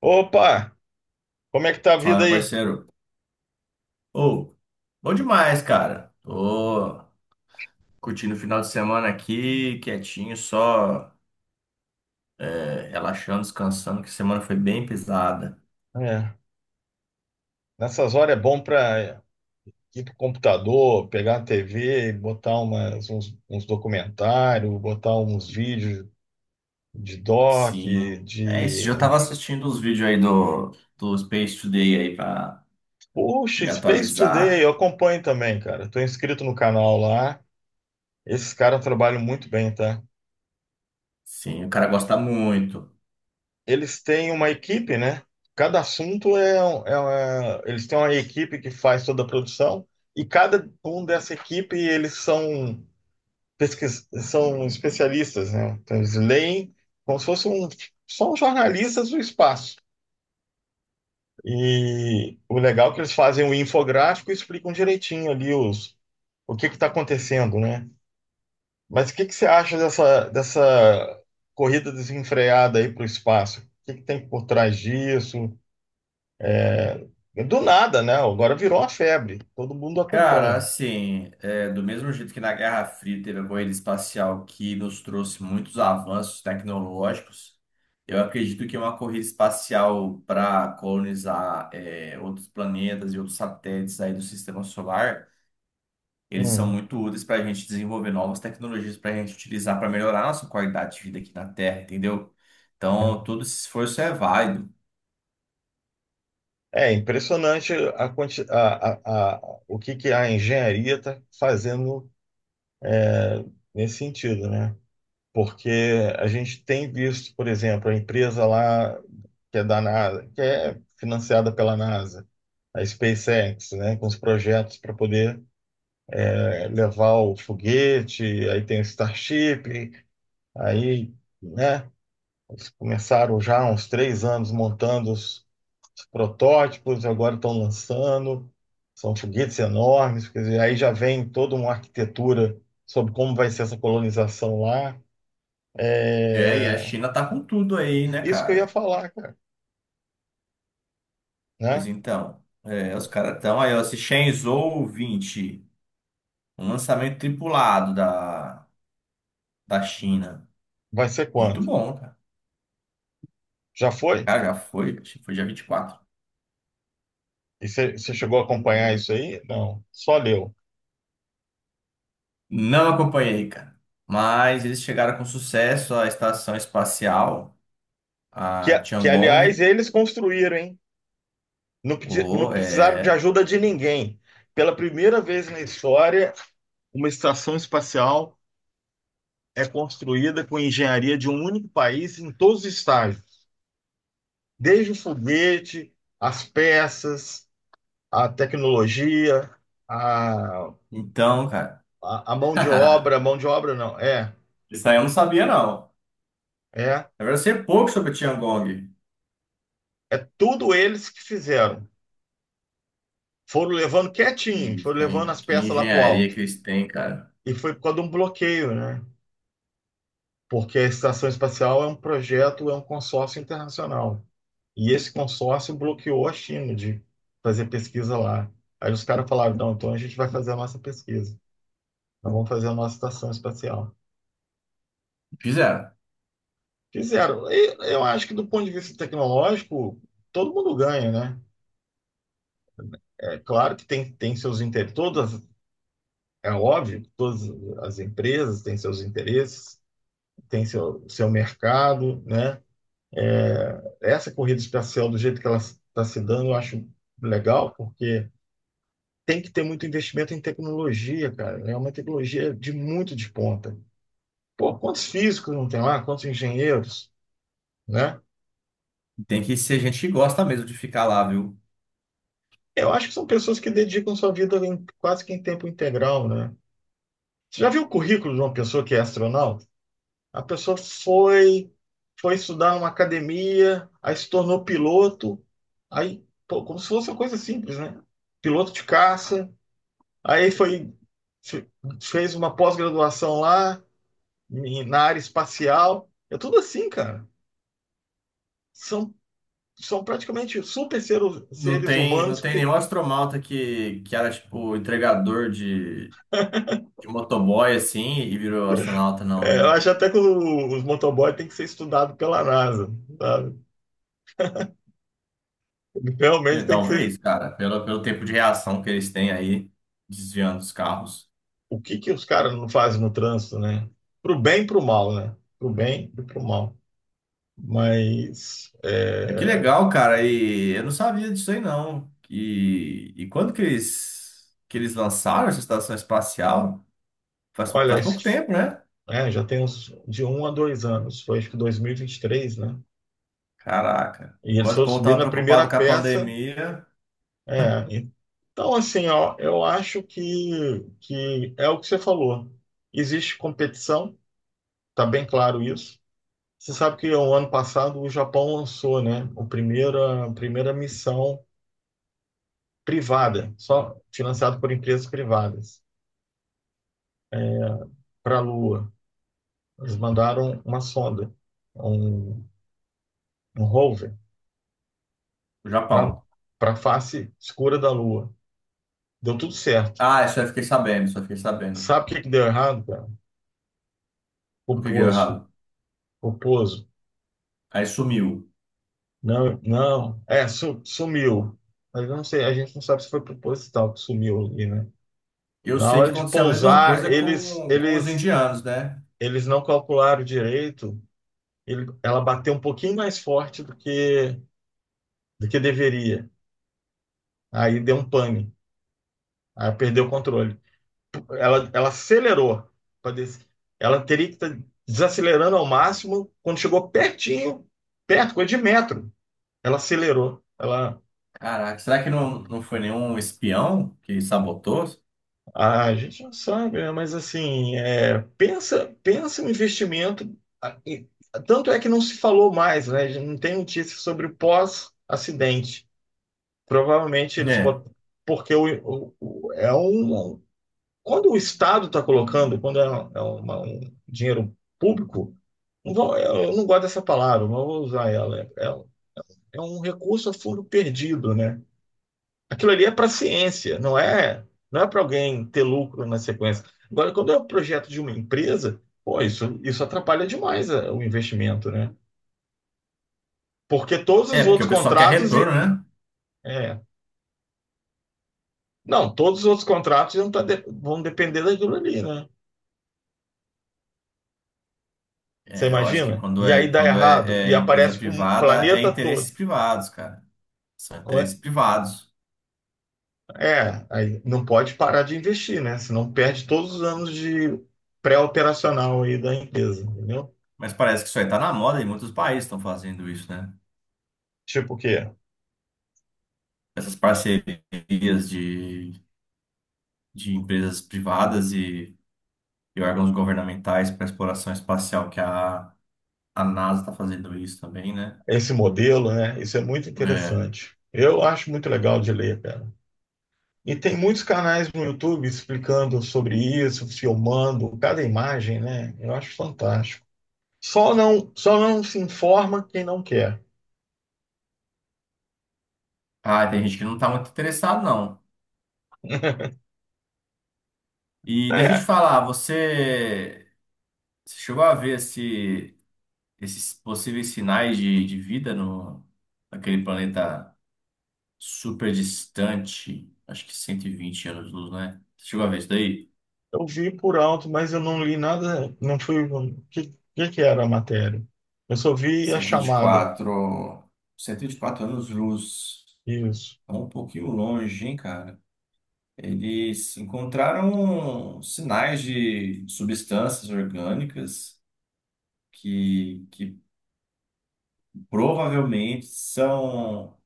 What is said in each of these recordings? Opa, como é que tá a Fala, vida meu aí? parceiro. Ô, bom demais, cara. Tô curtindo o final de semana aqui, quietinho, só relaxando, descansando, que a semana foi bem pesada. É, nessas horas é bom para ir pro computador, pegar a TV, botar uns documentários, botar uns vídeos de doc, Sim. É isso, já de... tava assistindo os vídeos aí do Space Today aí pra Puxa, me Space Today, eu atualizar. acompanho também, cara. Tô inscrito no canal lá. Esses caras trabalham muito bem, tá? Sim, o cara gosta muito. Eles têm uma equipe, né? Cada assunto é, um- é uma... Eles têm uma equipe que faz toda a produção, e cada um dessa equipe, eles são especialistas, né? Então, eles leem, como se fossem um- são jornalistas do espaço. E o legal é que eles fazem o infográfico e explicam direitinho ali o que está acontecendo, né? Mas o que que você acha dessa corrida desenfreada aí para o espaço? O que que tem por trás disso? Do nada, né? Agora virou uma febre, todo mundo Cara, acompanha. assim, do mesmo jeito que na Guerra Fria teve a corrida espacial que nos trouxe muitos avanços tecnológicos, eu acredito que uma corrida espacial para colonizar outros planetas e outros satélites aí do sistema solar, eles são Hum. muito úteis para a gente desenvolver novas tecnologias para a gente utilizar para melhorar a nossa qualidade de vida aqui na Terra, entendeu? Então, todo esse esforço é válido. É impressionante a, quanti- a- o que a engenharia está fazendo nesse sentido, né? Porque a gente tem visto, por exemplo, a empresa lá que é da NASA, que é financiada pela NASA, a SpaceX, né, com os projetos para poder levar o foguete, aí tem o Starship, aí, né, eles começaram já há uns 3 anos montando os protótipos, agora estão lançando, são foguetes enormes, quer dizer, aí já vem toda uma arquitetura sobre como vai ser essa colonização lá. É, e a É, China tá com tudo aí, né, isso que eu ia cara? falar, cara, Pois né? então, os caras estão aí, ó, esse Shenzhou 21 lançamento tripulado da China. Vai ser Muito quando? bom, cara. Já foi? Cara, já foi, acho que foi dia 24. E você chegou a acompanhar isso aí? Não, só leu. Não acompanhei, cara. Mas eles chegaram com sucesso à estação espacial, Que, a que aliás, Tiangong. eles construíram, hein? Não, não Oh, precisaram de é. ajuda de ninguém. Pela primeira vez na história, uma estação espacial é construída com engenharia de um único país em todos os estágios, desde o foguete, as peças, a tecnologia, a, Então, cara. a mão de obra não, Isso aí eu não sabia, não. é Na verdade, eu sei pouco sobre a Tiangong. É tudo eles que fizeram. Foram levando quietinho, foram Isso, levando hein? as Que peças lá para o engenharia alto. que eles têm, cara. E foi por causa de um bloqueio, né? Porque a Estação Espacial é um projeto, é um consórcio internacional. E esse consórcio bloqueou a China de fazer pesquisa lá. Aí os caras falaram, não, então a gente vai fazer a nossa pesquisa. Nós vamos fazer a nossa estação espacial. Fizeram. Fizeram. E eu acho que, do ponto de vista tecnológico, todo mundo ganha, né? É claro que tem seus interesses, todas É óbvio que todas as empresas têm seus interesses, têm seu mercado, né? Essa corrida espacial, do jeito que ela está se dando, eu acho legal, porque tem que ter muito investimento em tecnologia, cara. É uma tecnologia de muito de ponta. Pô, quantos físicos não tem lá? Quantos engenheiros, né? Tem que ser gente que gosta mesmo de ficar lá, viu? Eu acho que são pessoas que dedicam sua vida quase que em tempo integral, né? Você já viu o currículo de uma pessoa que é astronauta? A pessoa foi estudar numa academia, aí se tornou piloto, aí, pô, como se fosse uma coisa simples, né? Piloto de caça, aí fe- fez uma pós-graduação lá, na área espacial. É tudo assim, cara. São, são praticamente super seres, Não seres tem, humanos, não tem nenhum astronauta que era, tipo, entregador de motoboy, assim, e virou astronauta, não, eu né? acho até que os motoboys têm que ser estudados pela NASA, sabe? Realmente tem que ser, Talvez, cara, pelo tempo de reação que eles têm aí, desviando os carros. o que que os caras não fazem no trânsito, né? Pro bem e pro mal, né? Pro bem e pro mal. Mas, Mas que legal, cara. E eu não sabia disso aí, não. E quando que eles lançaram essa estação espacial? Faz, olha, faz acho pouco que, tempo, né? é, já tem uns de 1 a 2 anos, foi acho que 2023, né? Caraca. E eles Quando o foram povo tava subindo a primeira preocupado com a peça. pandemia. É, então, assim, ó, eu acho que é o que você falou. Existe competição, tá bem claro isso. Você sabe que o ano passado o Japão lançou, né, a primeira missão privada, só financiado por empresas privadas, para a Lua. Eles mandaram uma sonda, um, um rover, O Japão. para a face escura da Lua. Deu tudo certo. Ah, isso eu fiquei sabendo, só fiquei sabendo. Sabe o que que deu errado, cara? O que que deu Poposo. errado? Poposo. Aí sumiu. Não, não. É, sumiu. Mas eu não sei, a gente não sabe se foi proposital que sumiu ali, né? Eu Na sei que hora de aconteceu a mesma pousar, coisa eles, com os eles, indianos, né? eles não calcularam direito. Ele, ela bateu um pouquinho mais forte do que deveria. Aí deu um pane. Aí perdeu o controle. Ela acelerou. pra des- Ela teria que estar desacelerando ao máximo. Quando chegou pertinho, perto, coisa de metro, ela acelerou. Caraca, será que não foi nenhum espião que sabotou? Ah, a gente não sabe, né? Mas assim, pensa no investimento. Ah, Tanto é que não se falou mais, né? Não tem notícia sobre o pós-acidente. Provavelmente eles É, botaram. Porque o- o- é um, quando o Estado está colocando, quando é um dinheiro público, eu não gosto dessa palavra, não vou usar ela. É um recurso a fundo perdido, né? Aquilo ali é para ciência, não é para alguém ter lucro na sequência. Agora, quando é um projeto de uma empresa, pô, isso atrapalha demais o investimento, né? Porque todos é os porque outros o pessoal quer contratos retorno, né? é, não, todos os outros contratos vão, vão depender daquilo ali, né? Você É, eu acho que imagina? quando E é, aí dá quando errado, é, e é empresa aparece para o privada, é planeta interesses todo. privados, cara. São interesses privados. É, aí não pode parar de investir, né? Senão perde todos os anos de pré-operacional aí da empresa, entendeu? Mas parece que isso aí tá na moda e muitos países estão fazendo isso, né? Tipo o quê? Essas parcerias de empresas privadas e órgãos governamentais para exploração espacial, que a NASA está fazendo isso também, né? Esse modelo, né? Isso é muito É. interessante. Eu acho muito legal de ler, cara. E tem muitos canais no YouTube explicando sobre isso, filmando cada imagem, né? Eu acho fantástico. Só não se informa quem não quer. Ah, tem gente que não está muito interessado, não. E deixa eu te É, falar, você chegou a ver esses possíveis sinais de vida no, naquele planeta super distante, acho que 120 anos-luz, né? Você chegou a ver isso daí? eu vi por alto, mas eu não li nada, não fui. O que que era a matéria? Eu só vi a Cento e vinte e chamada. quatro, cento e vinte vinte quatro e quatro anos-luz. Isso. É um pouquinho longe, hein, cara? Eles encontraram sinais de substâncias orgânicas que provavelmente são,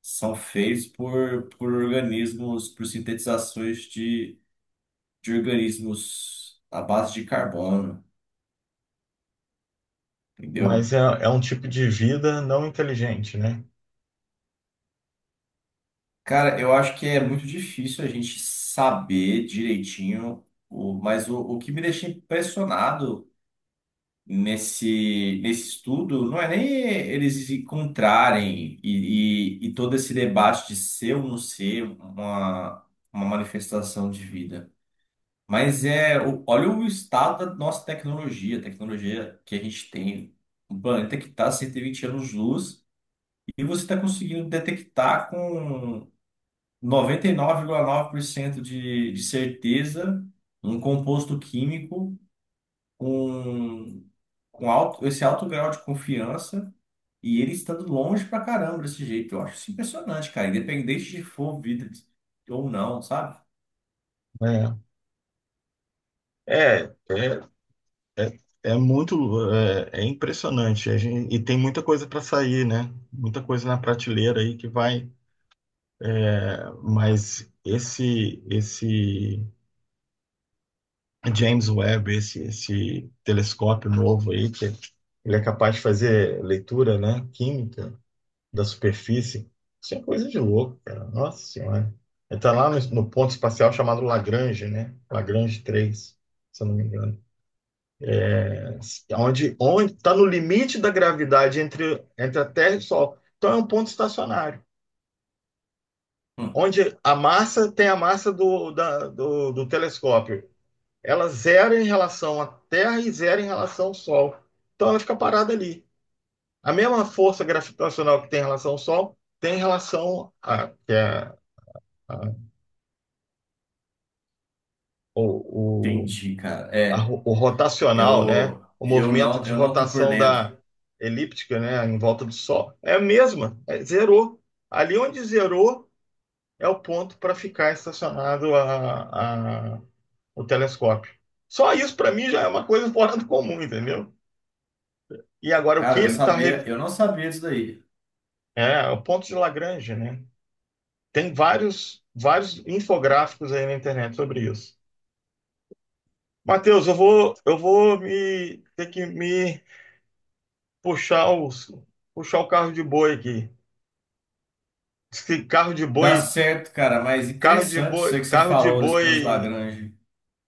são feitos por organismos, por sintetizações de organismos à base de carbono, Mas entendeu? é um tipo de vida não inteligente, né? Cara, eu acho que é muito difícil a gente saber direitinho, mas o que me deixa impressionado nesse estudo não é nem eles se encontrarem e todo esse debate de ser ou não ser uma manifestação de vida. Mas olha o estado da nossa tecnologia, a tecnologia que a gente tem. O planeta que está 120 anos-luz e você está conseguindo detectar com 99,9% de certeza um composto químico com, com esse alto grau de confiança e ele estando longe pra caramba desse jeito. Eu acho isso impressionante, cara. Independente de for vida ou não, sabe? É, é, é, é, é muito impressionante. A gente, e tem muita coisa para sair, né? Muita coisa na prateleira aí que vai. Mas esse James Webb, esse telescópio novo aí, que ele é capaz de fazer leitura, né? Química, da superfície. Isso é coisa de louco, cara. Nossa Senhora. Ele está lá no ponto espacial chamado Lagrange, né? Lagrange 3, se eu não me engano. É, onde está no limite da gravidade entre a Terra e o Sol. Então é um ponto estacionário. Hum, Onde a massa tem a massa do telescópio. Ela zera em relação à Terra e zera em relação ao Sol. Então ela fica parada ali. A mesma força gravitacional que tem em relação ao Sol tem em relação a, que é a o, Entendi, cara. a É, ro- o rotacional, né? eu, O eu movimento não, de eu não tô por rotação dentro. da elíptica, né? Em volta do Sol. É a mesma, zerou. Ali onde zerou é o ponto para ficar estacionado o telescópio. Só isso para mim já é uma coisa fora do comum, entendeu? E agora o que Cara, eu não ele está. sabia, eu não sabia disso daí. É, o ponto de Lagrange, né? Tem vários infográficos aí na internet sobre isso. Matheus, eu vou me ter que me puxar os, puxar o carro de boi aqui. Diz que carro de Tá boi, certo, cara, mas carro de interessante isso boi, aí que você carro de falou desse ponto de boi. Lagrange.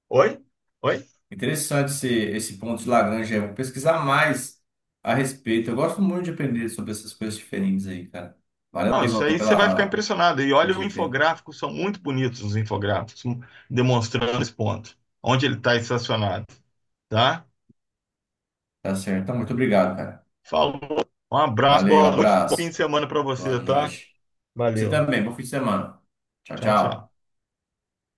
Oi? Oi? Interessante esse ponto de Lagrange. Eu vou pesquisar mais a respeito. Eu gosto muito de aprender sobre essas coisas diferentes aí, cara. Valeu, Não, isso Zó, aí você vai ficar pela, impressionado. E pela olha o dica aí. infográfico, são muito bonitos os infográficos, demonstrando esse ponto, onde ele está estacionado, tá? Tá certo. Então, muito obrigado, cara. Falou. Um abraço, Valeu, boa noite, bom fim abraço. de semana para Boa você, tá? noite. Você Valeu. também. Bom fim de semana. Tchau, Tchau, tchau. tchau.